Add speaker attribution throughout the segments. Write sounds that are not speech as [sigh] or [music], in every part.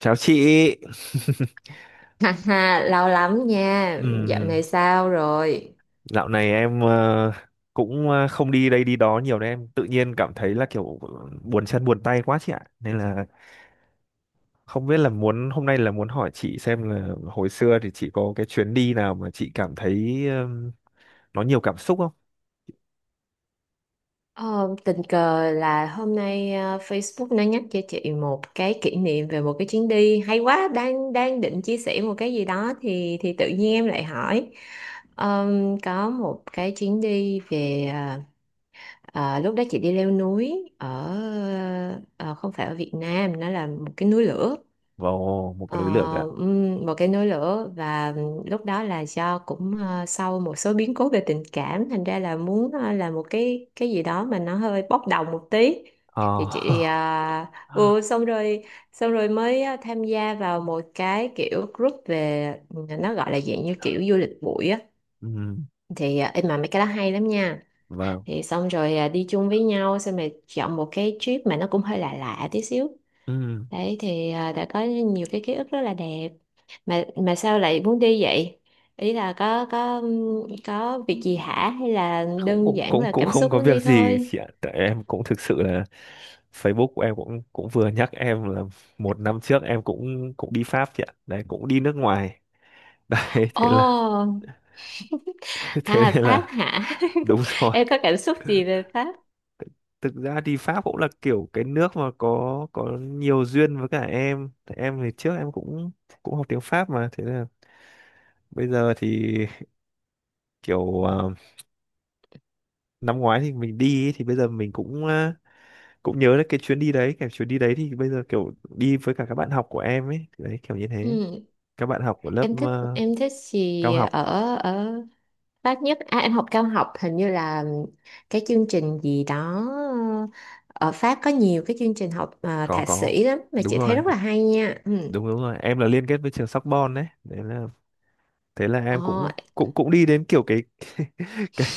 Speaker 1: Chào chị. [laughs]
Speaker 2: [laughs] Ha ha, lâu lắm nha. Dạo này
Speaker 1: Ừm,
Speaker 2: sao rồi?
Speaker 1: dạo này em không đi đây đi đó nhiều nên em tự nhiên cảm thấy là kiểu buồn chân buồn tay quá chị ạ. Nên là không biết là muốn hôm nay là muốn hỏi chị xem là hồi xưa thì chị có cái chuyến đi nào mà chị cảm thấy nó nhiều cảm xúc không?
Speaker 2: Ờ, Tình cờ là hôm nay Facebook nó nhắc cho chị một cái kỷ niệm về một cái chuyến đi hay quá. Đang đang định chia sẻ một cái gì đó, thì tự nhiên em lại hỏi. Có một cái chuyến đi về, lúc đó chị đi leo núi ở, ờ, không phải ở Việt Nam, nó là một cái núi lửa.
Speaker 1: Vào một cái
Speaker 2: Ờ,
Speaker 1: núi lửa ạ.
Speaker 2: Một cái nối lửa. Và lúc đó là do cũng, sau một số biến cố về tình cảm, thành ra là muốn, làm một cái gì đó mà nó hơi bốc đồng một tí. Thì chị,
Speaker 1: Ờ.
Speaker 2: ừ,
Speaker 1: [laughs]
Speaker 2: xong rồi xong rồi mới, tham gia vào một cái kiểu group về, nó gọi là dạng như kiểu du lịch bụi á.
Speaker 1: Ừm,
Speaker 2: Thì, em mà mấy cái đó hay lắm nha.
Speaker 1: vâng.
Speaker 2: Thì xong rồi, đi chung với nhau, xong rồi chọn một cái trip mà nó cũng hơi lạ lạ tí xíu.
Speaker 1: Ừm.
Speaker 2: Đấy thì, đã có nhiều cái ký ức rất là đẹp. Mà sao lại muốn đi vậy? Ý là có có việc gì hả, hay là
Speaker 1: cũng
Speaker 2: đơn
Speaker 1: cũng
Speaker 2: giản
Speaker 1: cũng
Speaker 2: là
Speaker 1: cũng
Speaker 2: cảm
Speaker 1: không
Speaker 2: xúc
Speaker 1: có
Speaker 2: muốn đi
Speaker 1: việc gì
Speaker 2: thôi?
Speaker 1: chị ạ, tại em cũng thực sự là Facebook của em cũng cũng vừa nhắc em là một năm trước em cũng cũng đi Pháp chị ạ, đấy cũng đi nước ngoài. [laughs] Đấy thế là
Speaker 2: Ồ,
Speaker 1: [laughs] thế
Speaker 2: à
Speaker 1: nên
Speaker 2: Pháp
Speaker 1: là
Speaker 2: hả?
Speaker 1: đúng
Speaker 2: [laughs]
Speaker 1: rồi.
Speaker 2: Em có cảm xúc gì về Pháp?
Speaker 1: Thực ra đi Pháp cũng là kiểu cái nước mà có nhiều duyên với cả em, tại em thì trước em cũng cũng học tiếng Pháp, mà thế là bây giờ thì kiểu năm ngoái thì mình đi ý, thì bây giờ mình cũng nhớ đấy cái chuyến đi đấy, kiểu chuyến đi đấy thì bây giờ kiểu đi với cả các bạn học của em ấy. Thì đấy kiểu như thế,
Speaker 2: Ừ.
Speaker 1: các bạn học của lớp
Speaker 2: Em thích, em thích
Speaker 1: cao
Speaker 2: gì
Speaker 1: học.
Speaker 2: ở ở Pháp nhất? À, em học cao học hình như là cái chương trình gì đó. Ờ, Ở Pháp có nhiều cái chương trình học à,
Speaker 1: có
Speaker 2: thạc
Speaker 1: có
Speaker 2: sĩ lắm, mà
Speaker 1: đúng
Speaker 2: chị thấy
Speaker 1: rồi,
Speaker 2: rất là hay nha. Ừ.
Speaker 1: đúng đúng rồi em là liên kết với trường Sorbonne đấy. Đấy là thế là em
Speaker 2: Ờ,
Speaker 1: cũng cũng cũng đi đến kiểu cái [laughs] cái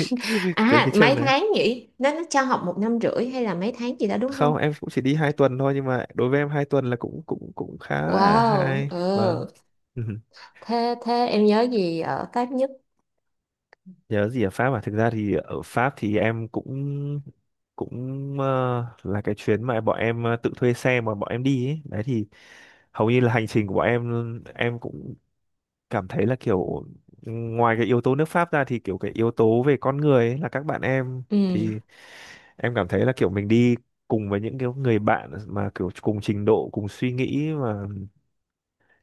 Speaker 1: cái
Speaker 2: à
Speaker 1: trường
Speaker 2: mấy
Speaker 1: đấy.
Speaker 2: tháng nhỉ? Nó cho học một năm rưỡi hay là mấy tháng gì đó đúng
Speaker 1: Không,
Speaker 2: không?
Speaker 1: em cũng chỉ đi hai tuần thôi, nhưng mà đối với em hai tuần là cũng cũng cũng khá là
Speaker 2: Wow,
Speaker 1: hay và
Speaker 2: ừ.
Speaker 1: [laughs]
Speaker 2: Thế thế em nhớ gì ở Pháp nhất?
Speaker 1: nhớ gì ở Pháp à. Thực ra thì ở Pháp thì em cũng cũng ờ, là cái chuyến mà bọn em tự thuê xe mà bọn em đi ấy. Đấy thì hầu như là hành trình của bọn em cũng cảm thấy là kiểu ừ, ngoài cái yếu tố nước Pháp ra thì kiểu cái yếu tố về con người ấy, là các bạn em
Speaker 2: Ừ,
Speaker 1: thì em cảm thấy là kiểu mình đi cùng với những cái người bạn mà kiểu cùng trình độ, cùng suy nghĩ mà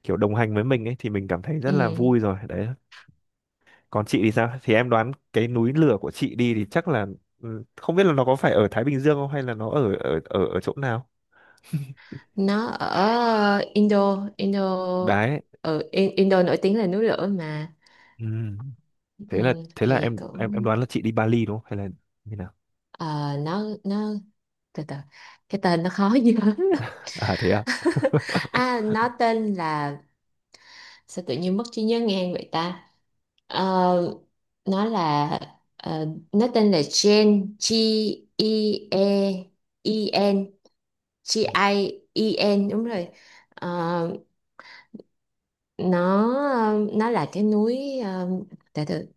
Speaker 1: kiểu đồng hành với mình ấy, thì mình cảm thấy rất
Speaker 2: ừ.
Speaker 1: là vui rồi đấy. Còn chị thì sao, thì em đoán cái núi lửa của chị đi thì chắc là ừ, không biết là nó có phải ở Thái Bình Dương không, hay là nó ở ở ở ở chỗ nào
Speaker 2: Nó ở Indo,
Speaker 1: đấy.
Speaker 2: ừ, Indo nổi tiếng là núi lửa mà.
Speaker 1: Ừ. thế
Speaker 2: Ừ,
Speaker 1: là thế là
Speaker 2: thì
Speaker 1: em em
Speaker 2: cũng,
Speaker 1: em đoán là chị đi Bali đúng không, hay là như nào.
Speaker 2: ờ, nó từ từ, cái tên nó khó [laughs] nhớ lắm.
Speaker 1: [laughs] À thế à.
Speaker 2: [laughs]
Speaker 1: [laughs]
Speaker 2: À nó tên là, sao tự nhiên mất trí nhớ ngang vậy ta? Ờ, nó là, nó tên là Gen G, E, E, E N, G, I, E N, đúng rồi. Ờ, nó nó là cái núi, từ từ,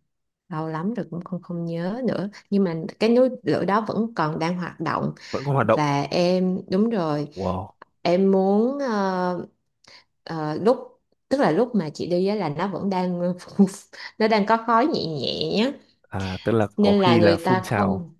Speaker 2: lâu lắm rồi cũng không không nhớ nữa, nhưng mà cái núi lửa đó vẫn còn đang hoạt động,
Speaker 1: Vẫn còn hoạt động.
Speaker 2: và em đúng rồi.
Speaker 1: Wow.
Speaker 2: Em muốn, ờ, lúc, tức là lúc mà chị đi á là nó vẫn đang [laughs] đang có khói nhẹ nhẹ á,
Speaker 1: À tức là có
Speaker 2: nên là
Speaker 1: khi là
Speaker 2: người ta
Speaker 1: phun trào
Speaker 2: không.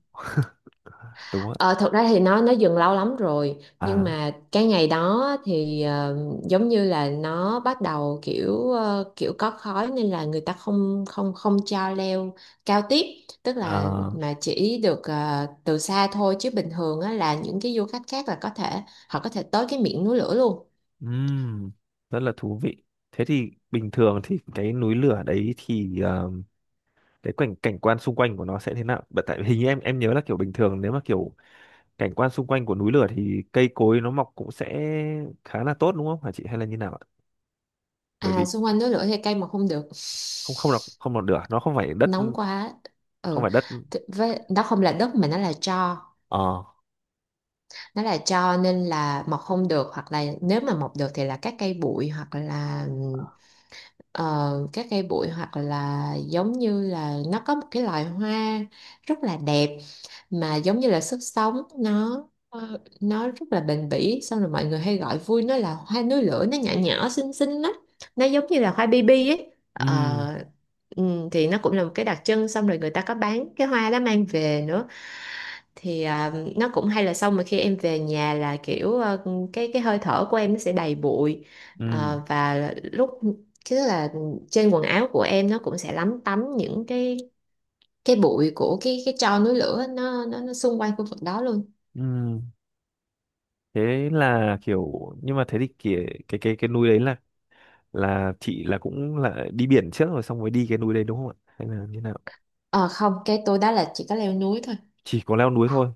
Speaker 1: đúng không
Speaker 2: Ờ,
Speaker 1: ạ.
Speaker 2: Thật ra thì nó dừng lâu lắm rồi, nhưng
Speaker 1: À,
Speaker 2: mà cái ngày đó thì, giống như là nó bắt đầu kiểu có khói, nên là người ta không không không cho leo cao tiếp, tức là
Speaker 1: à.
Speaker 2: mà chỉ được, từ xa thôi, chứ bình thường á, là những cái du khách khác là có thể, họ có thể tới cái miệng núi lửa luôn.
Speaker 1: Ừm, rất là thú vị. Thế thì bình thường thì cái núi lửa đấy thì cái cảnh cảnh quan xung quanh của nó sẽ thế nào? Bởi tại hình như em nhớ là kiểu bình thường, nếu mà kiểu cảnh quan xung quanh của núi lửa thì cây cối nó mọc cũng sẽ khá là tốt đúng không hả chị, hay là như nào ạ.
Speaker 2: À
Speaker 1: Bởi vì
Speaker 2: xung quanh núi lửa thì cây mà không được,
Speaker 1: không không lọc không lọc lửa nó không phải đất,
Speaker 2: nóng quá.
Speaker 1: không
Speaker 2: Ừ.
Speaker 1: phải đất.
Speaker 2: Thì với nó không là đất mà nó là tro,
Speaker 1: Ờ.
Speaker 2: nó là tro, nên là mọc không được, hoặc là nếu mà mọc được thì là các cây bụi, hoặc là, ờ, các cây bụi, hoặc là giống như là nó có một cái loài hoa rất là đẹp, mà giống như là sức sống nó, nó rất là bền bỉ. Xong rồi mọi người hay gọi vui nó là hoa núi lửa, nó nhỏ nhỏ xinh xinh lắm, nó giống như là hoa baby ấy.
Speaker 1: Ừm.
Speaker 2: Ờ, ừ, thì nó cũng là một cái đặc trưng, xong rồi người ta có bán cái hoa đó mang về nữa, thì à, nó cũng hay. Là xong mà khi em về nhà là kiểu, cái hơi thở của em nó sẽ đầy bụi.
Speaker 1: Ừm.
Speaker 2: Ờ, và lúc, chứ là trên quần áo của em nó cũng sẽ lấm tấm những cái bụi của cái tro núi lửa ấy, nó, nó xung quanh khu vực đó luôn.
Speaker 1: Ừm. Thế là kiểu nhưng mà thế thì kìa, cái núi đấy là chị là cũng là đi biển trước rồi xong mới đi cái núi đấy đúng không ạ, hay là như nào.
Speaker 2: Ờ Không, cái tôi đó là chỉ có leo núi thôi,
Speaker 1: Chỉ có leo núi thôi.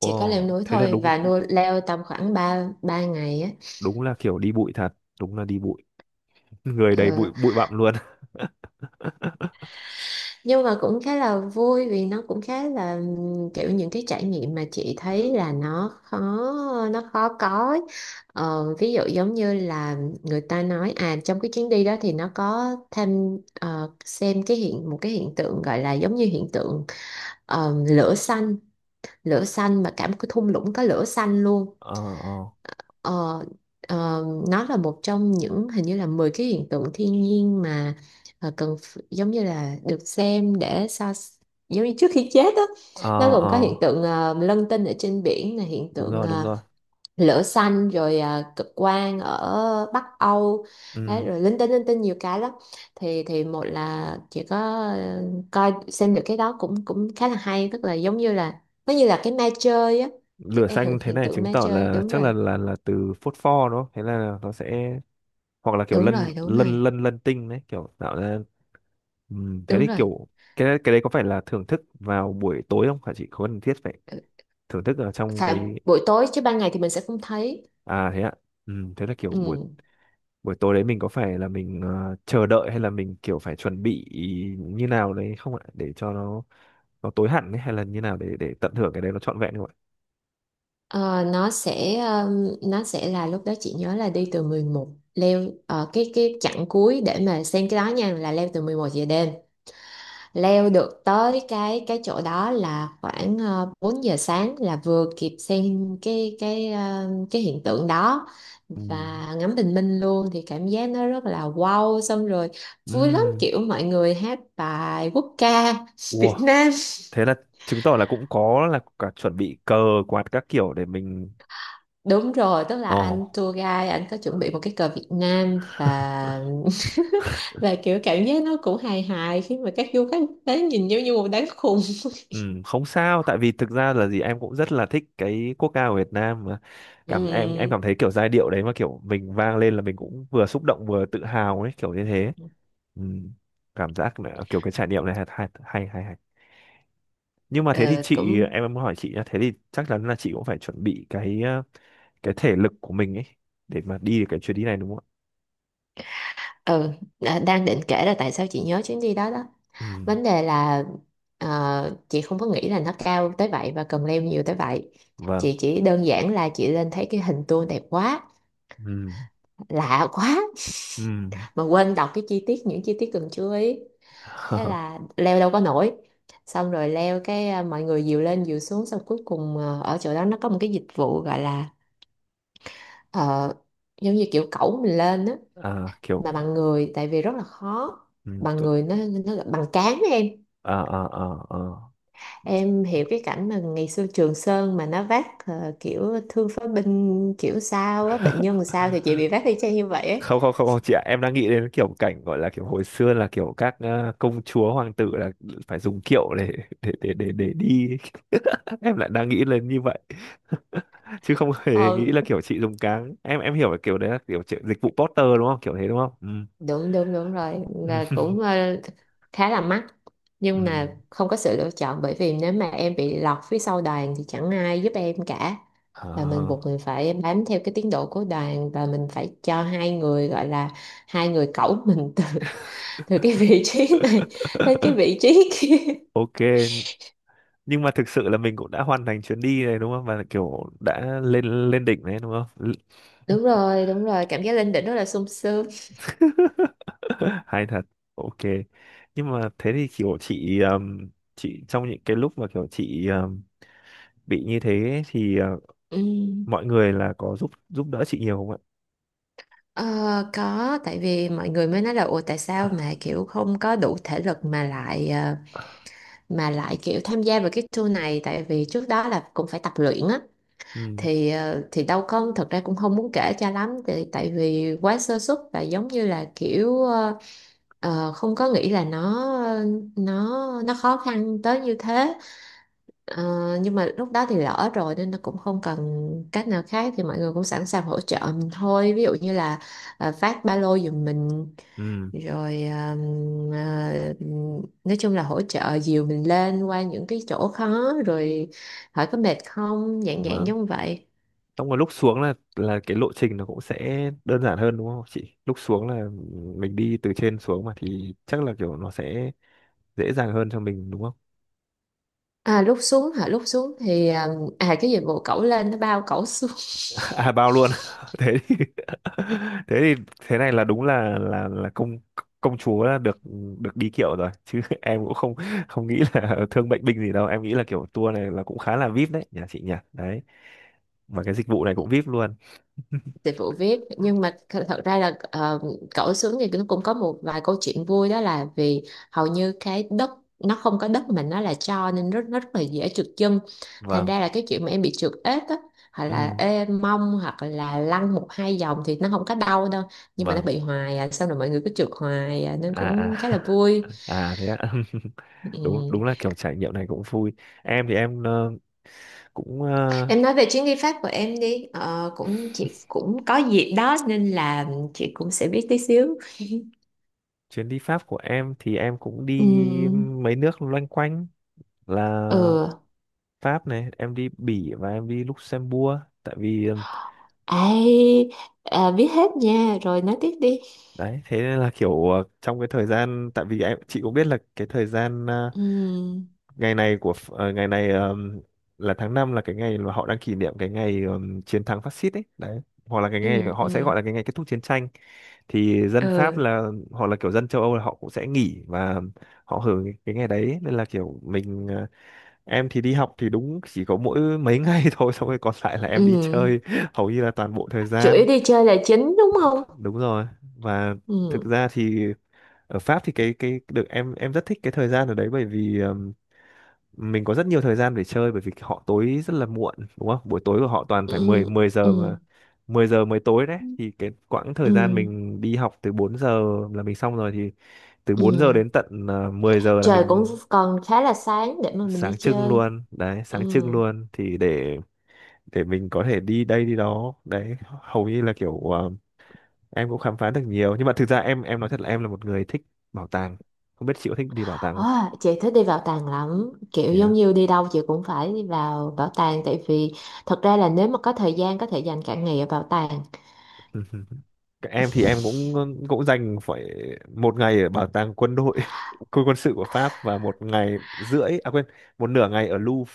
Speaker 2: chỉ có leo núi
Speaker 1: thế là
Speaker 2: thôi.
Speaker 1: đúng.
Speaker 2: Và nuôi leo tầm khoảng ba ba ngày á.
Speaker 1: Đúng là kiểu đi bụi thật, đúng là đi bụi, người đầy bụi
Speaker 2: Ờ,
Speaker 1: bụi bặm luôn.
Speaker 2: nhưng mà cũng khá là vui, vì nó cũng khá là, kiểu những cái trải nghiệm mà chị thấy là nó khó có ấy. Ví dụ giống như là người ta nói, à, trong cái chuyến đi đó thì nó có thêm, xem cái một cái hiện tượng gọi là giống như hiện tượng, lửa xanh, mà cả một cái thung lũng có lửa xanh luôn.
Speaker 1: [laughs] Ờ, ờ,
Speaker 2: Ờ, ờ, nó là một trong những, hình như là 10 cái hiện tượng thiên nhiên mà, cần giống như là được xem để giống như trước khi chết á.
Speaker 1: ờ,
Speaker 2: Nó gồm
Speaker 1: ờ.
Speaker 2: có hiện tượng, lân tinh ở trên biển, là hiện
Speaker 1: Đúng
Speaker 2: tượng,
Speaker 1: rồi, đúng rồi.
Speaker 2: lửa xanh, rồi, cực quang ở Bắc Âu.
Speaker 1: Ừ.
Speaker 2: Đấy, rồi linh tinh nhiều cái lắm. Thì một là chỉ có, ờ, coi xem được cái đó cũng cũng khá là hay, tức là giống như là nó như là cái ma chơi á,
Speaker 1: Lửa
Speaker 2: cái hiện
Speaker 1: xanh thế
Speaker 2: hiện
Speaker 1: này
Speaker 2: tượng
Speaker 1: chứng
Speaker 2: ma
Speaker 1: tỏ
Speaker 2: chơi.
Speaker 1: là
Speaker 2: Đúng
Speaker 1: chắc là
Speaker 2: rồi,
Speaker 1: là từ phốt pho đúng không? Thế là nó sẽ hoặc là kiểu
Speaker 2: đúng
Speaker 1: lân
Speaker 2: rồi, đúng
Speaker 1: lân
Speaker 2: rồi,
Speaker 1: lân lân tinh đấy kiểu tạo ra. Thế
Speaker 2: đúng
Speaker 1: thì
Speaker 2: rồi.
Speaker 1: kiểu cái đấy có phải là thưởng thức vào buổi tối không hả chị? Có cần thiết phải
Speaker 2: Ừ,
Speaker 1: thưởng thức ở trong
Speaker 2: phải
Speaker 1: cái
Speaker 2: buổi tối chứ ban ngày thì mình sẽ không thấy.
Speaker 1: à thế ạ. Thế là kiểu
Speaker 2: Ừ.
Speaker 1: buổi buổi tối đấy mình có phải là mình chờ đợi, hay là mình kiểu phải chuẩn bị như nào đấy không ạ? Để cho nó tối hẳn ấy, hay là như nào để tận hưởng cái đấy nó trọn vẹn không ạ?
Speaker 2: Ờ, nó sẽ, là lúc đó chị nhớ là đi từ 11, leo, cái chặng cuối để mà xem cái đó nha, là leo từ 11 giờ đêm, leo được tới cái chỗ đó là khoảng, 4 giờ sáng, là vừa kịp xem cái hiện tượng đó
Speaker 1: Ừm.
Speaker 2: và ngắm bình minh luôn, thì cảm giác nó rất là wow. Xong rồi vui lắm,
Speaker 1: Ừm.
Speaker 2: kiểu mọi người hát bài quốc ca
Speaker 1: Wow,
Speaker 2: Việt Nam.
Speaker 1: thế là chứng tỏ là cũng có là cả chuẩn bị cờ quạt các kiểu để mình.
Speaker 2: [laughs] Đúng rồi, tức là
Speaker 1: Ồ.
Speaker 2: anh tour guide anh có chuẩn bị một cái cờ Việt Nam, và [laughs] và kiểu cảm giác nó cũng hài hài khi mà các du khách đến nhìn giống như một đám khùng.
Speaker 1: Ừ, không sao tại vì thực ra là gì em cũng rất là thích cái quốc ca của Việt Nam mà.
Speaker 2: [laughs]
Speaker 1: Cảm em
Speaker 2: Ừ,
Speaker 1: cảm thấy kiểu giai điệu đấy mà kiểu mình vang lên là mình cũng vừa xúc động vừa tự hào ấy, kiểu như thế. Ừ, cảm giác là kiểu cái trải nghiệm này hay hay. Nhưng mà thế thì
Speaker 2: ờ,
Speaker 1: chị,
Speaker 2: cũng.
Speaker 1: em muốn hỏi chị nhá, thế thì chắc chắn là chị cũng phải chuẩn bị cái cái thể lực của mình ấy để mà đi được cái chuyến đi này đúng không ạ.
Speaker 2: Ừ. Đang định kể là tại sao chị nhớ chuyến đi đó đó.
Speaker 1: Ừ,
Speaker 2: Vấn đề là, chị không có nghĩ là nó cao tới vậy và cần leo nhiều tới vậy.
Speaker 1: vâng.
Speaker 2: Chị chỉ đơn giản là chị lên thấy cái hình tour đẹp quá,
Speaker 1: Ừ.
Speaker 2: lạ quá,
Speaker 1: Ừ.
Speaker 2: mà quên đọc cái chi tiết, những chi tiết cần chú ý. Thế
Speaker 1: [laughs]
Speaker 2: là leo đâu có nổi. Xong rồi leo cái, à, mọi người dìu lên dìu xuống, xong cuối cùng, ở chỗ đó nó có một cái dịch vụ gọi là, ờ, giống như kiểu cẩu mình lên á,
Speaker 1: À, kiểu
Speaker 2: mà bằng người, tại vì rất là khó.
Speaker 1: ừ,
Speaker 2: Bằng
Speaker 1: tu-
Speaker 2: người, nó bằng cán á em.
Speaker 1: à, à, à, à.
Speaker 2: Em hiểu cái cảnh mà ngày xưa Trường Sơn mà nó vác, kiểu thương phế binh kiểu sao á, bệnh nhân sao, thì chị bị vác y chang như vậy ấy.
Speaker 1: Không không không không chị ạ, em đang nghĩ đến kiểu cảnh gọi là kiểu hồi xưa là kiểu các công chúa hoàng tử là phải dùng kiệu để để đi. [laughs] Em lại đang nghĩ lên như vậy, [laughs] chứ không hề nghĩ
Speaker 2: Ờ,
Speaker 1: là kiểu chị dùng cáng. Em hiểu là kiểu đấy là kiểu chị- dịch vụ Porter đúng không, kiểu thế đúng không. Ừ.
Speaker 2: Đúng đúng đúng rồi,
Speaker 1: Ừ.
Speaker 2: là
Speaker 1: [laughs]
Speaker 2: cũng, khá là mắc,
Speaker 1: Ừ.
Speaker 2: nhưng mà không có sự lựa chọn, bởi vì nếu mà em bị lọt phía sau đoàn thì chẳng ai giúp em cả. Và mình
Speaker 1: À.
Speaker 2: buộc mình phải bám theo cái tiến độ của đoàn, và mình phải cho hai người gọi là, hai người cẩu mình từ [laughs] từ cái vị trí này đến cái
Speaker 1: [laughs]
Speaker 2: vị trí kia.
Speaker 1: Ok, nhưng mà thực sự là mình cũng đã hoàn thành chuyến đi này đúng không? Và kiểu đã lên lên đỉnh đấy đúng không?
Speaker 2: Đúng rồi, đúng rồi, cảm giác lên đỉnh rất là sung sướng.
Speaker 1: [laughs] Hay thật. Ok, nhưng mà thế thì kiểu chị trong những cái lúc mà kiểu chị bị như thế ấy, thì
Speaker 2: Ừm,
Speaker 1: mọi người là có giúp giúp đỡ chị nhiều không ạ.
Speaker 2: ờ, có, tại vì mọi người mới nói là ủa tại sao mà kiểu không có đủ thể lực mà lại,
Speaker 1: [laughs]
Speaker 2: kiểu tham gia vào cái tour này, tại vì trước đó là cũng phải tập luyện á.
Speaker 1: Ừ.
Speaker 2: Thì, đâu có, thật ra cũng không muốn kể cho lắm tại, tại vì quá sơ suất, và giống như là kiểu, không có nghĩ là nó nó khó khăn tới như thế. Ờ, nhưng mà lúc đó thì lỡ rồi nên nó cũng không cần cách nào khác, thì mọi người cũng sẵn sàng hỗ trợ mình thôi, ví dụ như là, phát ba lô giùm mình,
Speaker 1: Ừ.
Speaker 2: rồi, ờ, nói chung là hỗ trợ dìu mình lên qua những cái chỗ khó, rồi hỏi có mệt không, dạng dạng
Speaker 1: Vâng,
Speaker 2: giống vậy.
Speaker 1: trong cái lúc xuống là cái lộ trình nó cũng sẽ đơn giản hơn đúng không chị, lúc xuống là mình đi từ trên xuống mà, thì chắc là kiểu nó sẽ dễ dàng hơn cho mình đúng không.
Speaker 2: À lúc xuống hả, lúc xuống thì, à cái dịch vụ cẩu lên nó bao cẩu xuống.
Speaker 1: À bao luôn. [laughs]
Speaker 2: [laughs]
Speaker 1: Thế thì [laughs] thế thì thế này là đúng là là công công chúa là được được đi kiệu rồi chứ. [laughs] Em cũng không không nghĩ là [laughs] thương bệnh binh gì đâu, em nghĩ là kiểu tour này là cũng khá là vip đấy nhà chị nhỉ, đấy và cái dịch vụ này cũng vip luôn.
Speaker 2: Dịch vụ viết nhưng mà thật ra là, cẩu xuống thì nó cũng có một vài câu chuyện vui, đó là vì hầu như cái đất, nó không có đất mà nó là, cho nên nó rất là dễ trượt chân. Thành
Speaker 1: Vâng.
Speaker 2: ra là cái chuyện mà em bị trượt ếch á, hoặc là
Speaker 1: Ừ.
Speaker 2: ê mông, hoặc là lăn một hai vòng thì nó không có đau đâu. Nhưng mà nó
Speaker 1: Vâng.
Speaker 2: bị hoài à, xong rồi mọi người cứ trượt hoài à, nên
Speaker 1: À,
Speaker 2: cũng khá là
Speaker 1: à.
Speaker 2: vui.
Speaker 1: [laughs] À thế ạ. [laughs] Đúng,
Speaker 2: Ừ.
Speaker 1: đúng là kiểu trải nghiệm này cũng vui. Em thì em cũng ờ,
Speaker 2: Em nói về chuyến đi Pháp của em đi. Ờ, Cũng chị cũng có dịp đó nên là chị cũng sẽ biết tí xíu.
Speaker 1: chuyến đi Pháp của em thì em cũng đi
Speaker 2: Ừ,
Speaker 1: mấy nước loanh quanh, là
Speaker 2: ừ.
Speaker 1: Pháp này, em đi Bỉ và em đi Luxembourg. Tại vì
Speaker 2: Ai, à, biết hết nha, rồi nói tiếp đi.
Speaker 1: đấy thế nên là kiểu trong cái thời gian, tại vì em chị cũng biết là cái thời gian
Speaker 2: Ừ,
Speaker 1: ngày này của Ph- ờ, ngày này là tháng 5 là cái ngày mà họ đang kỷ niệm cái ngày chiến thắng phát xít ấy, đấy hoặc là cái ngày
Speaker 2: ừ,
Speaker 1: họ sẽ
Speaker 2: ừ,
Speaker 1: gọi là cái ngày kết thúc chiến tranh, thì dân Pháp
Speaker 2: ừ,
Speaker 1: là hoặc là kiểu dân châu Âu là họ cũng sẽ nghỉ và họ hưởng cái ngày đấy nên là kiểu mình em thì đi học thì đúng chỉ có mỗi mấy [laughs] ngày thôi, xong rồi còn lại là em đi
Speaker 2: ừ.
Speaker 1: chơi [laughs] hầu như là toàn bộ thời
Speaker 2: Chủ
Speaker 1: gian.
Speaker 2: yếu đi chơi là chính đúng không?
Speaker 1: Đúng rồi. Và thực
Speaker 2: Ừ,
Speaker 1: ra thì ở Pháp thì cái được, em rất thích cái thời gian ở đấy bởi vì mình có rất nhiều thời gian để chơi bởi vì họ tối rất là muộn đúng không, buổi tối của họ toàn
Speaker 2: ừ,
Speaker 1: phải 10 10 giờ mà.
Speaker 2: ừ,
Speaker 1: Mười giờ mới tối đấy, thì cái quãng thời gian
Speaker 2: ừ,
Speaker 1: mình đi học từ 4 giờ là mình xong rồi thì từ 4 giờ
Speaker 2: ừ.
Speaker 1: đến tận 10 giờ là
Speaker 2: Trời cũng
Speaker 1: mình
Speaker 2: còn khá là sáng để mà mình đi
Speaker 1: sáng trưng
Speaker 2: chơi.
Speaker 1: luôn đấy,
Speaker 2: Ừ.
Speaker 1: sáng trưng luôn thì để mình có thể đi đây đi đó đấy. Hầu như là kiểu em cũng khám phá được nhiều, nhưng mà thực ra em nói thật là em là một người thích bảo tàng, không biết chị có thích đi bảo tàng không.
Speaker 2: À, chị thích đi bảo tàng lắm, kiểu
Speaker 1: Thế
Speaker 2: giống
Speaker 1: à?
Speaker 2: như đi đâu chị cũng phải đi vào bảo tàng, tại vì thật ra là nếu mà có thời gian có thể dành cả ngày ở bảo tàng.
Speaker 1: [laughs] Các em thì em cũng cũng dành phải một ngày ở bảo tàng quân đội, [laughs] quân quân sự của Pháp và một ngày rưỡi à quên một nửa ngày ở Louvre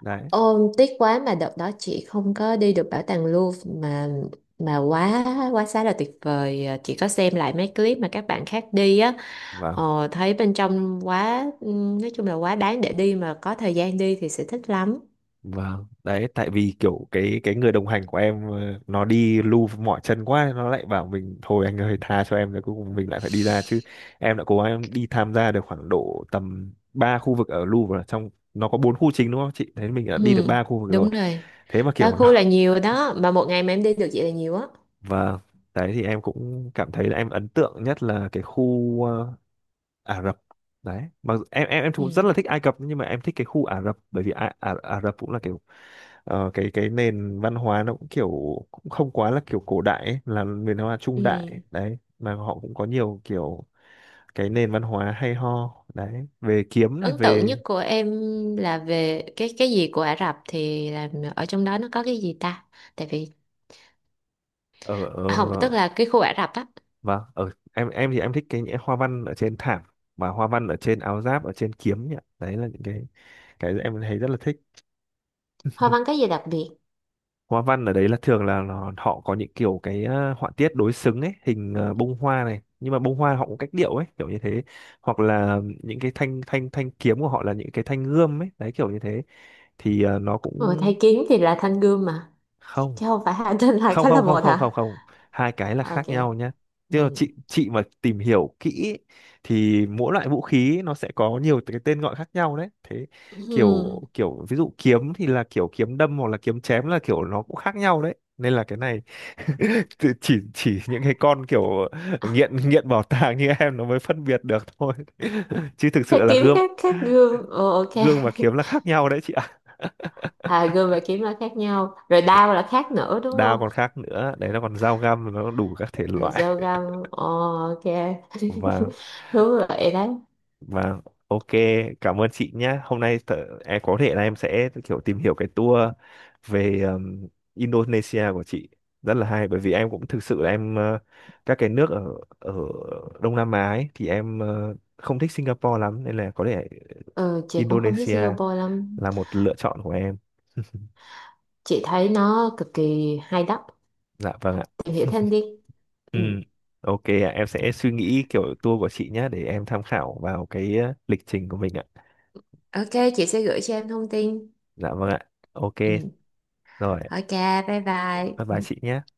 Speaker 1: đấy
Speaker 2: Ôm tiếc quá, mà đợt đó chị không có đi được bảo tàng Louvre, mà quá quá xá là tuyệt vời. À, chị có xem lại mấy clip mà các bạn khác đi á,
Speaker 1: và
Speaker 2: thấy bên trong quá, nói chung là quá đáng để đi, mà có thời gian đi thì sẽ thích lắm.
Speaker 1: Vâng, đấy tại vì kiểu cái người đồng hành của em nó đi lu mỏi chân quá, nó lại bảo mình thôi anh ơi tha cho em, rồi cuối cùng mình lại phải đi ra chứ. Em đã cố gắng đi tham gia được khoảng độ tầm 3 khu vực ở Louvre rồi. Trong nó có bốn khu chính đúng không chị, thế mình đã đi được
Speaker 2: Ừ,
Speaker 1: ba khu vực rồi.
Speaker 2: đúng rồi.
Speaker 1: Thế mà
Speaker 2: Ba
Speaker 1: kiểu
Speaker 2: khu là
Speaker 1: nó
Speaker 2: nhiều đó, mà một ngày mà em đi được vậy là nhiều á.
Speaker 1: [laughs] và đấy thì em cũng cảm thấy là em ấn tượng nhất là cái khu Ả Rập đấy. Mà em cũng rất
Speaker 2: Ừ,
Speaker 1: là thích Ai Cập, nhưng mà em thích cái khu Ả Rập bởi vì Ả Rập cũng là cái cái nền văn hóa nó cũng kiểu cũng không quá là kiểu cổ đại ấy, là nền văn hóa trung
Speaker 2: ừ.
Speaker 1: đại đấy, mà họ cũng có nhiều kiểu cái nền văn hóa hay ho đấy, về kiếm này,
Speaker 2: Ấn tượng
Speaker 1: về
Speaker 2: nhất của em là về cái gì của Ả Rập thì là, ở trong đó nó có cái gì ta, tại vì
Speaker 1: ở ở
Speaker 2: không, tức là cái khu Ả Rập á.
Speaker 1: và ở em thì em thích cái những hoa văn ở trên thảm và hoa văn ở trên áo giáp, ở trên kiếm nhỉ, đấy là những cái em thấy rất là thích.
Speaker 2: Hoa văn có gì đặc biệt?
Speaker 1: Hoa văn ở đấy là thường là nó- họ có những kiểu cái họa tiết đối xứng ấy, hình bông hoa này, nhưng mà bông hoa họ cũng cách điệu ấy kiểu như thế, hoặc là những cái thanh thanh thanh kiếm của họ là những cái thanh gươm ấy đấy kiểu như thế, thì nó
Speaker 2: Ừ,
Speaker 1: cũng
Speaker 2: thầy kiếm thì là thanh gươm mà,
Speaker 1: không
Speaker 2: chứ không phải hai trên hai
Speaker 1: không
Speaker 2: cái là
Speaker 1: không không
Speaker 2: một
Speaker 1: không không
Speaker 2: hả?
Speaker 1: Không hai cái là
Speaker 2: Ok.
Speaker 1: khác nhau nhé. Tức là
Speaker 2: Ừ. [laughs]
Speaker 1: chị mà tìm hiểu kỹ ấy, thì mỗi loại vũ khí nó sẽ có nhiều cái tên gọi khác nhau đấy. Thế kiểu
Speaker 2: Ừ.
Speaker 1: kiểu ví dụ kiếm thì là kiểu kiếm đâm hoặc là kiếm chém là kiểu nó cũng khác nhau đấy, nên là cái này [laughs] chỉ những cái con kiểu nghiện nghiện bảo tàng như em nó mới phân biệt được thôi. [laughs] Chứ thực sự
Speaker 2: Thầy
Speaker 1: là
Speaker 2: kiếm
Speaker 1: gươm
Speaker 2: khác khác gươm. Ừ, ok. [laughs]
Speaker 1: gươm và kiếm là khác nhau đấy chị ạ. [laughs]
Speaker 2: À gươm và kiếm là khác nhau. Rồi đao là khác nữa đúng
Speaker 1: Đao
Speaker 2: không?
Speaker 1: còn khác nữa đấy, nó còn dao găm, nó đủ các thể
Speaker 2: Ờ,
Speaker 1: loại.
Speaker 2: Dao găm. Ồ, ok.
Speaker 1: và
Speaker 2: [laughs] Đúng rồi đấy.
Speaker 1: Và ok, cảm ơn chị nhé. Hôm nay tớ, em có thể là em sẽ kiểu tìm hiểu cái tour về Indonesia của chị, rất là hay bởi vì em cũng thực sự là em các cái nước ở ở Đông Nam Á ấy, thì em không thích Singapore lắm, nên là có thể
Speaker 2: Ừ, chị cũng không thích
Speaker 1: Indonesia
Speaker 2: Singapore lắm.
Speaker 1: là một lựa chọn của em. [laughs]
Speaker 2: Chị thấy nó cực kỳ hay đó.
Speaker 1: Dạ vâng ạ.
Speaker 2: Tìm hiểu thêm đi.
Speaker 1: Ừ.
Speaker 2: Ừ.
Speaker 1: Ok ạ, em sẽ suy nghĩ kiểu tour của chị nhé để em tham khảo vào cái lịch trình của mình ạ.
Speaker 2: Ok, chị sẽ gửi cho em thông tin.
Speaker 1: Dạ vâng ạ. Ok,
Speaker 2: Ừ.
Speaker 1: rồi,
Speaker 2: Ok, bye bye.
Speaker 1: bye bye
Speaker 2: Ừ.
Speaker 1: chị nhé.